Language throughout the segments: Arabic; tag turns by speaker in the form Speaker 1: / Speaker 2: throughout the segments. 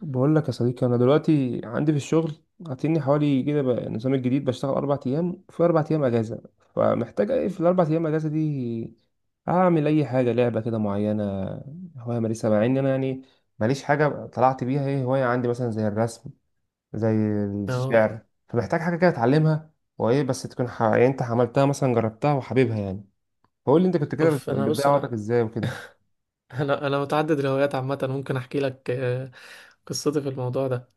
Speaker 1: بقول لك يا صديقي، انا دلوقتي عندي في الشغل عاطيني حوالي كده. بقى النظام الجديد بشتغل اربع ايام في اربع ايام اجازه. فمحتاج ايه في الاربع ايام اجازه دي؟ اعمل اي حاجه، لعبه كده معينه، هوايه مارسها مع ان انا ماليش حاجه طلعت بيها. ايه هوايه عندي مثلا؟ زي الرسم، زي
Speaker 2: اه
Speaker 1: الشعر. فمحتاج حاجه كده اتعلمها، وايه بس تكون يعني انت عملتها مثلا، جربتها وحاببها يعني. فقول لي انت كنت كده
Speaker 2: شوف انا. بص
Speaker 1: بتضيع وقتك
Speaker 2: انا،
Speaker 1: ازاي وكده.
Speaker 2: انا متعدد الهوايات عامه. ممكن احكي لك قصتي في الموضوع ده.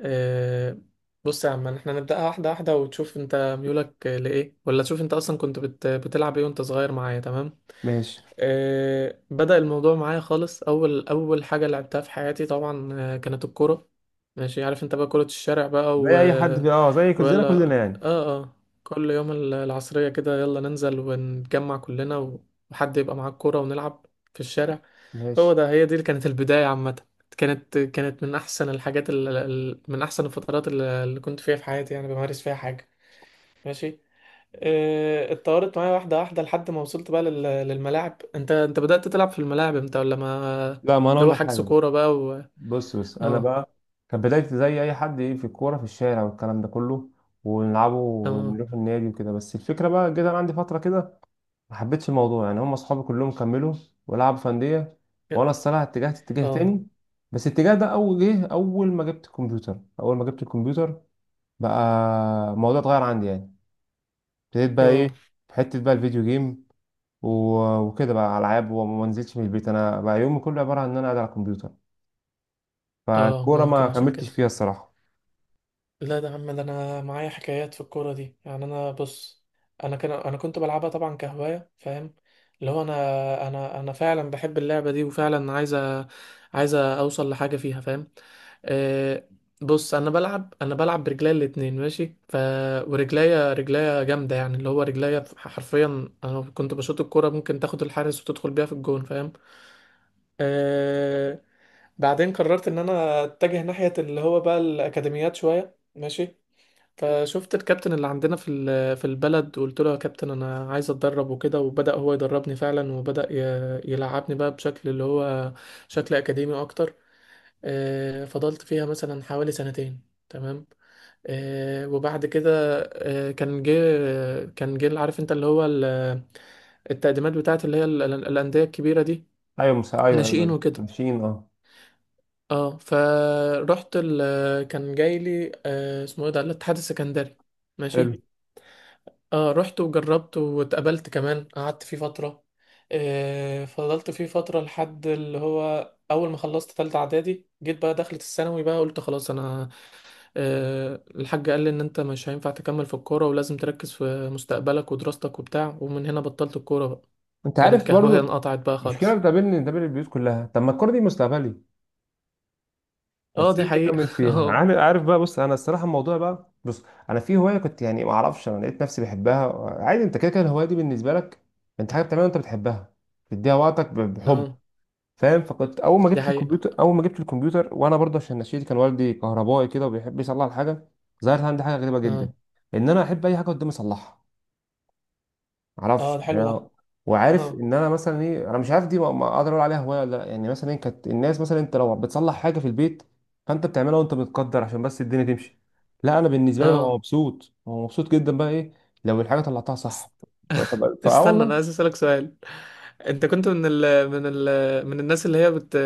Speaker 2: آه، بص يا عم احنا نبداها واحده واحده وتشوف انت ميولك لايه، ولا تشوف انت اصلا كنت بتلعب ايه وانت صغير معايا. تمام.
Speaker 1: ماشي.
Speaker 2: بدأ الموضوع معايا خالص. أول حاجة لعبتها في حياتي طبعا كانت الكورة. ماشي، عارف أنت بقى كرة الشارع بقى
Speaker 1: زي اي حد في، اه، زي كلنا
Speaker 2: ويلا.
Speaker 1: كلنا يعني.
Speaker 2: آه. كل يوم العصرية كده يلا ننزل ونتجمع كلنا وحد يبقى معاه الكورة ونلعب في الشارع. هو
Speaker 1: ماشي.
Speaker 2: ده هي دي اللي كانت البداية عامة. كانت من أحسن من أحسن الفترات اللي كنت فيها في حياتي يعني بمارس فيها حاجة. ماشي. اتطورت معايا واحدة واحدة لحد ما وصلت بقى للملاعب. انت بدأت تلعب في الملاعب امتى، ولا ما
Speaker 1: لا، ما انا
Speaker 2: اللي
Speaker 1: اقول
Speaker 2: هو
Speaker 1: لك
Speaker 2: حجز
Speaker 1: حاجه بقى.
Speaker 2: كورة بقى
Speaker 1: بص انا
Speaker 2: اه.
Speaker 1: بقى كانت بدايتي زي اي حد، ايه، في الكوره في الشارع والكلام ده كله، ونلعبه
Speaker 2: اه.
Speaker 1: ونروح النادي وكده. بس الفكره بقى جيت انا عندي فتره كده ما حبيتش الموضوع يعني. هم اصحابي كلهم كملوا ولعبوا في انديه، وانا الصراحه اتجهت اتجاه
Speaker 2: اه.
Speaker 1: تاني. بس الاتجاه ده اول جه اول ما جبت الكمبيوتر. بقى الموضوع اتغير عندي يعني. ابتديت بقى ايه؟
Speaker 2: اه.
Speaker 1: في حته بقى الفيديو جيم وكده، بقى العاب، وما ما نزلتش من البيت. انا بقى يومي كله عباره عن ان انا قاعد على الكمبيوتر،
Speaker 2: اه
Speaker 1: فالكوره ما
Speaker 2: ممكن عشان
Speaker 1: كملتش
Speaker 2: كده.
Speaker 1: فيها الصراحه.
Speaker 2: لا ده يا عم، ده انا معايا حكايات في الكوره دي. يعني انا بص، انا كنت بلعبها طبعا كهوايه، فاهم، اللي هو انا فعلا بحب اللعبه دي وفعلا عايزه اوصل لحاجه فيها، فاهم. آه. بص، انا بلعب برجليا الاتنين ماشي. ف ورجليا جامده يعني، اللي هو رجليا حرفيا. انا كنت بشوط الكوره ممكن تاخد الحارس وتدخل بيها في الجون، فاهم. آه. بعدين قررت ان انا اتجه ناحيه اللي هو بقى الاكاديميات شويه. ماشي. فشفت الكابتن اللي عندنا في البلد وقلت له يا كابتن انا عايز اتدرب وكده، وبدأ هو يدربني فعلا، وبدأ يلعبني بقى بشكل اللي هو شكل اكاديمي اكتر. فضلت فيها مثلا حوالي سنتين. تمام. وبعد كده آه، كان جه كان جه عارف انت اللي هو التقديمات بتاعت اللي هي الأندية الكبيرة دي.
Speaker 1: ايوه، ايوه ايوه
Speaker 2: ناشئين
Speaker 1: أيوة،
Speaker 2: وكده.
Speaker 1: ماشيين. اه،
Speaker 2: اه فرحت كان جاي لي اسمه ايه ده، الاتحاد السكندري.
Speaker 1: حلو.
Speaker 2: ماشي. اه رحت وجربت واتقابلت كمان، قعدت فيه فترة. آه فضلت فيه فترة لحد اللي هو أول ما خلصت تالتة إعدادي جيت بقى دخلت الثانوي بقى قلت خلاص أنا. آه الحاج قال لي إن أنت مش هينفع تكمل في الكورة، ولازم تركز في مستقبلك ودراستك وبتاع، ومن هنا بطلت الكورة بقى.
Speaker 1: انت
Speaker 2: كانت
Speaker 1: عارف
Speaker 2: كهواية
Speaker 1: برضو
Speaker 2: انقطعت بقى
Speaker 1: مشكله
Speaker 2: خالص.
Speaker 1: بتقابلني، بتقابل البيوت كلها: طب ما الكوره دي مستقبلي،
Speaker 2: اه
Speaker 1: بس
Speaker 2: دي
Speaker 1: ليه
Speaker 2: حقيقة.
Speaker 1: بكمل فيها؟
Speaker 2: اه.
Speaker 1: عامل عارف بقى. بص، انا الصراحه الموضوع بقى، انا في هوايه كنت يعني ما اعرفش، انا لقيت نفسي بحبها. عادي، انت كده كده الهوايه دي بالنسبه لك انت حاجه بتعملها وانت بتحبها، تديها وقتك بحب،
Speaker 2: اه
Speaker 1: فاهم؟ فكنت اول ما
Speaker 2: دي
Speaker 1: جبت الكمبيوتر،
Speaker 2: حقيقة.
Speaker 1: وانا برضه عشان نشيتي، كان والدي كهربائي كده وبيحب يصلح الحاجه، ظهرت عندي حاجه غريبه جدا
Speaker 2: اه.
Speaker 1: ان انا احب اي حاجه قدامي اصلحها.
Speaker 2: اه
Speaker 1: معرفش
Speaker 2: ده حلو
Speaker 1: يعني.
Speaker 2: ده.
Speaker 1: وعارف
Speaker 2: اه.
Speaker 1: ان انا مثلا ايه، انا مش عارف دي ما اقدر اقول عليها هوايه ولا لا، يعني مثلا ايه، كانت الناس مثلا انت لو بتصلح حاجه في البيت فانت بتعملها وانت متقدر عشان بس الدنيا تمشي. لا، انا بالنسبه لي ببقى
Speaker 2: اه
Speaker 1: مبسوط، ببقى مبسوط جدا بقى ايه لو الحاجه طلعتها صح.
Speaker 2: است-
Speaker 1: ف- ف- فاه
Speaker 2: استنى، انا
Speaker 1: والله.
Speaker 2: عايز اسالك سؤال. انت كنت من ال من ال من الناس اللي هي بت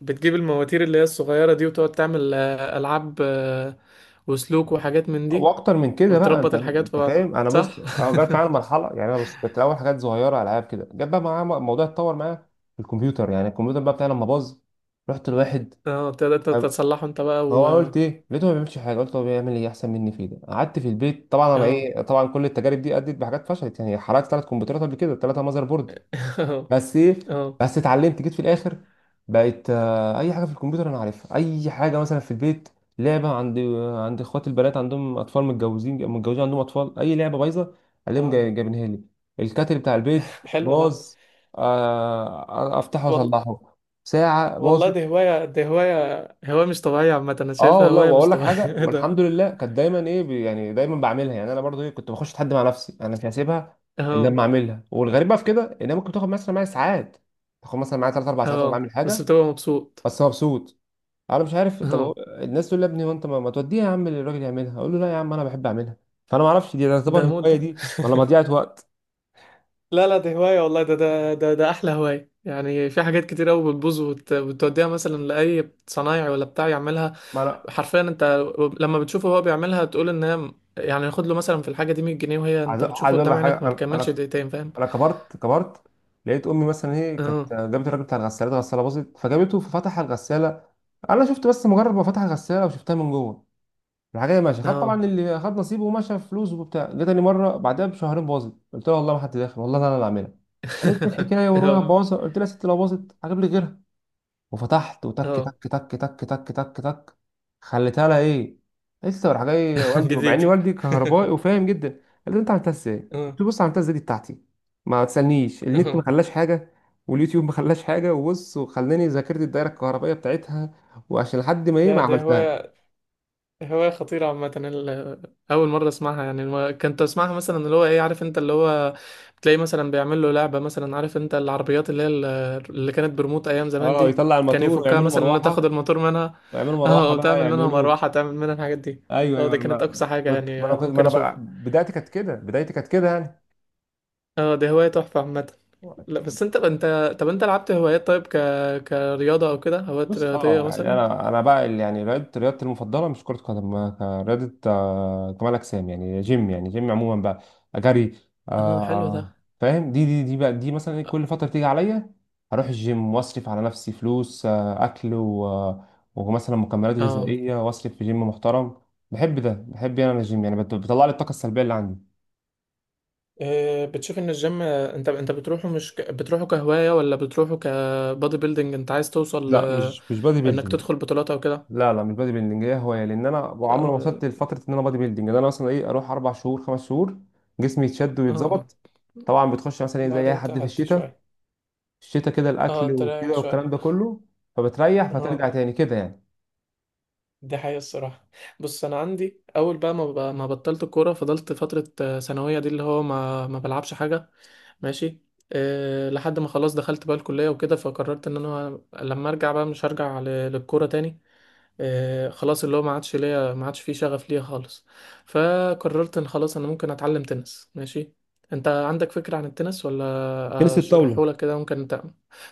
Speaker 2: بتجيب المواتير اللي هي الصغيره دي، وتقعد تعمل العاب وسلوك وحاجات من دي،
Speaker 1: واكتر من كده بقى، انت
Speaker 2: وتربط الحاجات في
Speaker 1: انت
Speaker 2: بعض.
Speaker 1: فاهم، انا بص،
Speaker 2: صح.
Speaker 1: أنا جت معايا المرحله يعني. انا بص كنت الاول حاجات صغيره، العاب كده، جت بقى معايا الموضوع اتطور معايا في الكمبيوتر يعني. الكمبيوتر بقى بتاعي لما باظ رحت لواحد،
Speaker 2: اه، تقدر انت تتصلحه انت بقى
Speaker 1: هو
Speaker 2: و...
Speaker 1: انا قلت ايه، لقيته ما بيعملش حاجه، قلت هو بيعمل ايه احسن مني في ده؟ قعدت في البيت طبعا. انا
Speaker 2: اه.
Speaker 1: ايه، طبعا كل التجارب دي ادت بحاجات فشلت يعني، حرقت ثلاث كمبيوترات قبل كده، ثلاثه ماذر بورد.
Speaker 2: اه.
Speaker 1: بس ايه،
Speaker 2: اه.
Speaker 1: بس اتعلمت، جيت في الاخر بقيت اي حاجه في الكمبيوتر انا عارفها. اي حاجه مثلا في البيت، لعبه عند اخوات البنات، عندهم اطفال، متجوزين عندهم اطفال، اي لعبه بايظه الاقيهم
Speaker 2: اه
Speaker 1: جايبينها لي. الكاتل بتاع البيت
Speaker 2: حلو ده.
Speaker 1: باظ، افتحه
Speaker 2: وال...
Speaker 1: واصلحه. ساعه باظ.
Speaker 2: والله دي هوايه، دي هوايه، هوايه مش طبيعيه عامه. انا
Speaker 1: اه
Speaker 2: شايفها
Speaker 1: والله،
Speaker 2: هوايه مش
Speaker 1: واقول لك
Speaker 2: طبيعيه.
Speaker 1: حاجه،
Speaker 2: ايه ده.
Speaker 1: والحمد لله كانت دايما ايه يعني دايما بعملها يعني. انا برضو ايه كنت بخش اتحدى مع نفسي، انا مش هسيبها الا
Speaker 2: اه.
Speaker 1: لما اعملها. والغريب بقى في كده ان هي ممكن تاخد مثلا معايا ساعات، تاخد مثلا معايا 3 4 ساعات انا
Speaker 2: اه
Speaker 1: بعمل
Speaker 2: بس
Speaker 1: حاجه،
Speaker 2: بتبقى مبسوط.
Speaker 1: بس مبسوط. انا مش عارف، طب
Speaker 2: اه،
Speaker 1: الناس تقول لي يا ابني هو انت ما توديها يا عم للراجل يعملها؟ اقول له لا يا عم، انا بحب اعملها. فانا ما اعرفش دي
Speaker 2: ده
Speaker 1: تعتبر
Speaker 2: موت
Speaker 1: هوايه
Speaker 2: ده.
Speaker 1: دي ولا مضيعه وقت.
Speaker 2: لا لا دي هواية والله. ده أحلى هواية يعني. في حاجات كتير أوي بتبوظ وتوديها مثلا لأي صنايعي ولا بتاع يعملها.
Speaker 1: ما انا
Speaker 2: حرفيا أنت لما بتشوفه هو بيعملها تقول إن هي، يعني ياخد له مثلا في الحاجة دي 100 جنيه، وهي
Speaker 1: عايز
Speaker 2: أنت
Speaker 1: عايز
Speaker 2: بتشوفه
Speaker 1: اقول
Speaker 2: قدام
Speaker 1: لك حاجه،
Speaker 2: عينك ما
Speaker 1: انا
Speaker 2: بيكملش
Speaker 1: انا
Speaker 2: دقيقتين، فاهم.
Speaker 1: انا كبرت. كبرت لقيت امي مثلا هي
Speaker 2: اه.
Speaker 1: كانت جابت الراجل بتاع الغسالات، غساله باظت فجابته، ففتح الغساله. انا شفت، بس مجرد ما فتح الغساله وشفتها من جوه، الحاجه ماشيه. خد
Speaker 2: اه.
Speaker 1: طبعا اللي خد نصيبه ومشى فلوسه وبتاع. جه تاني مره بعدها بشهرين باظت. قلت لها والله ما حد داخل، والله انا اللي عاملها. قالت لي الحكايه، وروح
Speaker 2: اه.
Speaker 1: باظت. قلت لها يا ست، لو باظت هجيب لي غيرها. وفتحت وتك
Speaker 2: اه.
Speaker 1: تك تك، تك تك تك تك، خليتها لها ايه. لسه راح جاي والدي، مع ان
Speaker 2: جديد.
Speaker 1: والدي كهربائي وفاهم جدا، قال لي انت عملتها ازاي؟
Speaker 2: اه.
Speaker 1: قلت له بص، عملتها ازاي دي بتاعتي، ما تسالنيش. النت ما
Speaker 2: اه
Speaker 1: خلاش حاجه، واليوتيوب ما خلاش حاجه، وبص وخلاني ذاكرت الدايره الكهربائيه بتاعتها، وعشان لحد ما ايه، ما
Speaker 2: ده
Speaker 1: عملتها.
Speaker 2: هواية، هواية خطيرة عامة. أول مرة أسمعها يعني. كنت أسمعها مثلا اللي هو إيه، عارف أنت اللي هو بتلاقي مثلا بيعمل له لعبة مثلا. عارف أنت العربيات اللي هي اللي كانت بريموت أيام زمان
Speaker 1: اه،
Speaker 2: دي،
Speaker 1: يطلع
Speaker 2: كان
Speaker 1: الماتور
Speaker 2: يفكها
Speaker 1: ويعملوا
Speaker 2: مثلا إن تاخد
Speaker 1: مروحه،
Speaker 2: الموتور منها
Speaker 1: ويعملوا
Speaker 2: أه،
Speaker 1: مروحه
Speaker 2: أو
Speaker 1: بقى،
Speaker 2: تعمل منها
Speaker 1: يعملوا.
Speaker 2: مروحة، تعمل منها الحاجات دي.
Speaker 1: ايوه
Speaker 2: أه
Speaker 1: ايوه.
Speaker 2: دي
Speaker 1: ما
Speaker 2: كانت أقصى
Speaker 1: ما
Speaker 2: حاجة
Speaker 1: انا
Speaker 2: يعني
Speaker 1: كنت، ما
Speaker 2: ممكن
Speaker 1: انا بقى
Speaker 2: أشوفها.
Speaker 1: بدايتي كانت كده، بدايتي كانت كده
Speaker 2: أه دي هواية تحفة عامة.
Speaker 1: يعني.
Speaker 2: لا بس أنت طب أنت لعبت هوايات طيب، ك كرياضة أو كده هوايات
Speaker 1: بص
Speaker 2: رياضية
Speaker 1: اه، يعني
Speaker 2: مثلا.
Speaker 1: انا بقى يعني رياضه، رياضتي المفضله مش كره قدم. رياضه كمال اجسام يعني، جيم يعني، جيم عموما بقى، جري. آه،
Speaker 2: أه حلو
Speaker 1: آه،
Speaker 2: ده.
Speaker 1: فاهم؟ دي بقى، دي مثلا إيه، كل فتره تيجي عليا هروح الجيم واصرف على نفسي فلوس، اكل ومثلا مكملات
Speaker 2: أه
Speaker 1: غذائيه، واصرف في جيم محترم. بحب ده، بحب يعني، انا الجيم يعني بيطلع لي الطاقه السلبيه اللي عندي.
Speaker 2: بتشوف ان الجيم انت بتروحه مش ك... بتروحه كهواية ولا بتروحه كبادي بيلدينج، انت عايز توصل
Speaker 1: لا، مش مش بادي
Speaker 2: انك
Speaker 1: بيلدينج.
Speaker 2: تدخل بطولات او كده.
Speaker 1: لا لا، مش بادي بيلدينج، هي هوايه، لان انا عمري ما
Speaker 2: اه.
Speaker 1: وصلت لفتره ان انا بادي بيلدينج. ده انا مثلا ايه اروح اربع شهور، خمس شهور، جسمي يتشد
Speaker 2: اه
Speaker 1: ويتظبط. طبعا بتخش مثلا ايه زي اي
Speaker 2: بعدين
Speaker 1: حد في
Speaker 2: تهدي
Speaker 1: الشتاء،
Speaker 2: شوية.
Speaker 1: الشتاء كده
Speaker 2: اه
Speaker 1: الاكل
Speaker 2: تريح
Speaker 1: وكده
Speaker 2: شوية.
Speaker 1: والكلام ده كله، فبتريح فترجع
Speaker 2: اه
Speaker 1: تاني كده يعني.
Speaker 2: دي حقيقة الصراحة. بص انا عندي اول بقى ما بطلت الكورة فضلت فترة ثانوية دي اللي هو ما بلعبش حاجة. ماشي. أه لحد ما خلاص دخلت بقى الكلية وكده، فقررت ان انا لما ارجع بقى مش هرجع للكورة تاني. خلاص اللي هو ما عادش فيه شغف ليا خالص. فقررت ان خلاص انا ممكن اتعلم تنس. ماشي. انت عندك فكرة عن التنس ولا
Speaker 1: تنس الطاوله؟
Speaker 2: اشرحه لك كده ممكن انت؟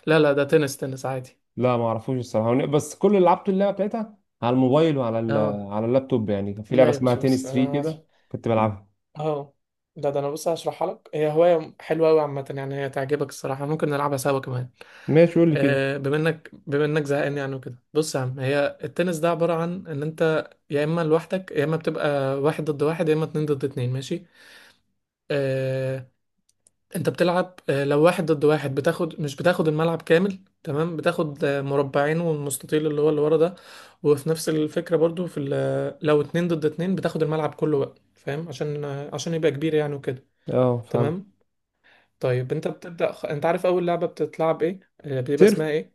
Speaker 2: لا لا ده تنس، عادي.
Speaker 1: لا، ما اعرفوش الصراحه، بس كل اللي لعبته اللعبه بتاعتها على الموبايل وعلى
Speaker 2: اه.
Speaker 1: على اللابتوب يعني. كان في لعبه
Speaker 2: لا يا
Speaker 1: اسمها
Speaker 2: باشا بص
Speaker 1: تنس
Speaker 2: انا
Speaker 1: 3
Speaker 2: هش-
Speaker 1: كده كنت بلعبها.
Speaker 2: اه. ده ده انا بص هشرحها لك. هي هواية حلوة قوي عامة يعني، هي تعجبك الصراحة، ممكن نلعبها سوا كمان.
Speaker 1: ماشي، قول لي كده.
Speaker 2: بما انك زهقان يعني وكده. بص يا عم هي التنس ده عبارة عن ان انت يا اما لوحدك، يا اما بتبقى واحد ضد واحد، يا اما اتنين ضد اتنين. ماشي. آه، انت بتلعب لو واحد ضد واحد بتاخد مش بتاخد الملعب كامل، تمام، بتاخد مربعين والمستطيل اللي هو اللي ورا ده. وفي نفس الفكرة برضو لو اتنين ضد اتنين بتاخد الملعب كله بقى، فاهم، عشان عشان يبقى كبير يعني وكده.
Speaker 1: اه فهمت.
Speaker 2: تمام. طيب انت انت عارف اول لعبة بتتلعب ايه، بيبقى
Speaker 1: سيرف.
Speaker 2: اسمها ايه؟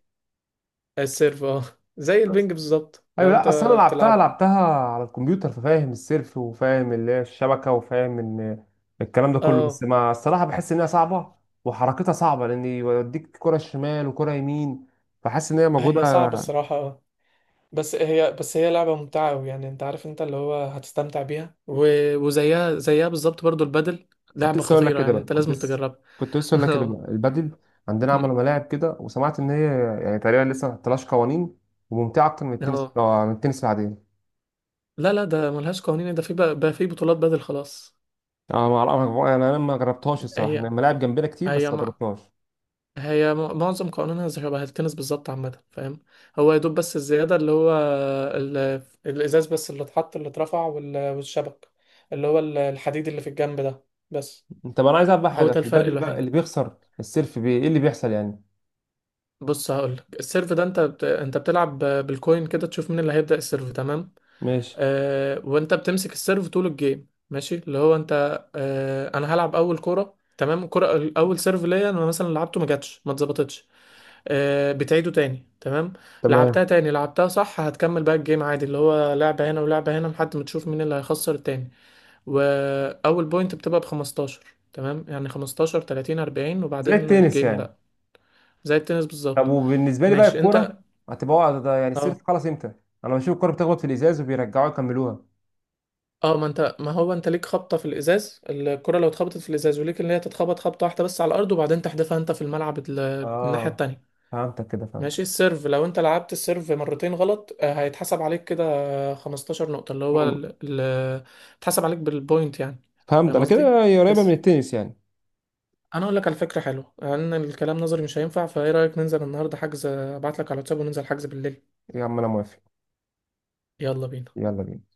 Speaker 2: السيرف. اه. زي البنج بالظبط لو
Speaker 1: ايوه،
Speaker 2: انت
Speaker 1: لا اصل انا لعبتها،
Speaker 2: بتلعب.
Speaker 1: لعبتها على الكمبيوتر، ففاهم السيرف، وفاهم اللي هي الشبكه، وفاهم ان الكلام ده كله، بس
Speaker 2: اه،
Speaker 1: ما الصراحه بحس ان هي صعبه وحركتها صعبه، لان يوديك كره شمال وكره يمين، فحاسس ان هي موجوده.
Speaker 2: هي صعبة الصراحة اه. بس هي لعبة ممتعة أوي يعني. أنت عارف أنت اللي هو هتستمتع بيها و... وزيها بالظبط برضو البادل،
Speaker 1: كنت
Speaker 2: لعبة
Speaker 1: لسه اقول لك
Speaker 2: خطيرة
Speaker 1: كده
Speaker 2: يعني،
Speaker 1: بقى،
Speaker 2: أنت لازم تجربها.
Speaker 1: كنت لسه اقول لك كده
Speaker 2: اه.
Speaker 1: بقى، البادل. عندنا
Speaker 2: م-
Speaker 1: عملوا ملاعب كده، وسمعت ان هي يعني تقريبا لسه ما حطلهاش قوانين، وممتعه اكتر من التنس،
Speaker 2: اه.
Speaker 1: من التنس العاديه.
Speaker 2: لا لا ده ملهاش قوانين. ده في بقى, بقى في بطولات بادل خلاص.
Speaker 1: انا ما أعرف- انا ما جربتهاش الصراحه، انا
Speaker 2: هي
Speaker 1: الملاعب جنبنا كتير
Speaker 2: هي
Speaker 1: بس ما
Speaker 2: مع...
Speaker 1: جربتهاش.
Speaker 2: هي معظم قوانينها زي شبه التنس بالظبط عامة، فاهم. هو يا دوب بس الزيادة اللي هو ال... الإزاز بس اللي اتحط اللي اترفع والشبك اللي هو الحديد اللي في الجنب ده بس.
Speaker 1: انت بقى، انا عايز اعرف بقى
Speaker 2: هو
Speaker 1: حاجه
Speaker 2: ده
Speaker 1: في
Speaker 2: الفرق
Speaker 1: البادل بقى:
Speaker 2: الوحيد.
Speaker 1: اللي بيخسر السيرف بي ايه اللي بيحصل يعني؟
Speaker 2: بص هقولك السيرف ده انت بتلعب بالكوين كده، تشوف مين اللي هيبدأ السيرف. تمام.
Speaker 1: ماشي،
Speaker 2: وانت بتمسك السيرف طول الجيم. ماشي، اللي هو انت انا هلعب اول كرة تمام، كرة اول سيرف ليا انا مثلا لعبته ما جاتش ما اتظبطتش، بتعيده تاني. تمام. لعبتها
Speaker 1: تمام،
Speaker 2: تاني لعبتها صح، هتكمل بقى الجيم عادي، اللي هو لعبة هنا ولعبة هنا لحد ما تشوف مين اللي هيخسر التاني. واول بوينت بتبقى ب 15. تمام يعني 15 30 40
Speaker 1: زي
Speaker 2: وبعدين
Speaker 1: التنس
Speaker 2: الجيم
Speaker 1: يعني.
Speaker 2: بقى. زي التنس
Speaker 1: طب
Speaker 2: بالظبط.
Speaker 1: وبالنسبه لي بقى
Speaker 2: ماشي انت.
Speaker 1: الكوره هتبقى وقع ده يعني، السيرف
Speaker 2: اه.
Speaker 1: خلاص امتى؟ انا بشوف الكوره بتخبط في الازاز وبيرجعوها يكملوها.
Speaker 2: اه ما انت، ما هو انت ليك خبطه في الازاز. الكره لو اتخبطت في الازاز وليك، ان هي تتخبط خبطه واحده بس على الارض، وبعدين تحدفها انت في الملعب الناحيه
Speaker 1: اه،
Speaker 2: التانية.
Speaker 1: فهمتك كده، فهمت.
Speaker 2: ماشي. السيرف لو انت لعبت السيرف مرتين غلط هيتحسب عليك كده 15 نقطه، اللي هو
Speaker 1: مم.
Speaker 2: اتحسب عليك بالبوينت يعني.
Speaker 1: فهمت
Speaker 2: فاهم
Speaker 1: انا
Speaker 2: قصدي.
Speaker 1: كده، هي قريبه من
Speaker 2: بس
Speaker 1: التنس يعني.
Speaker 2: انا اقول لك على فكره حلوه، لان الكلام نظري مش هينفع. فايه رايك ننزل النهارده حجز، ابعت لك على الواتساب وننزل حجز بالليل.
Speaker 1: يا عم انا موافق.
Speaker 2: يلا بينا.
Speaker 1: يلا بينا.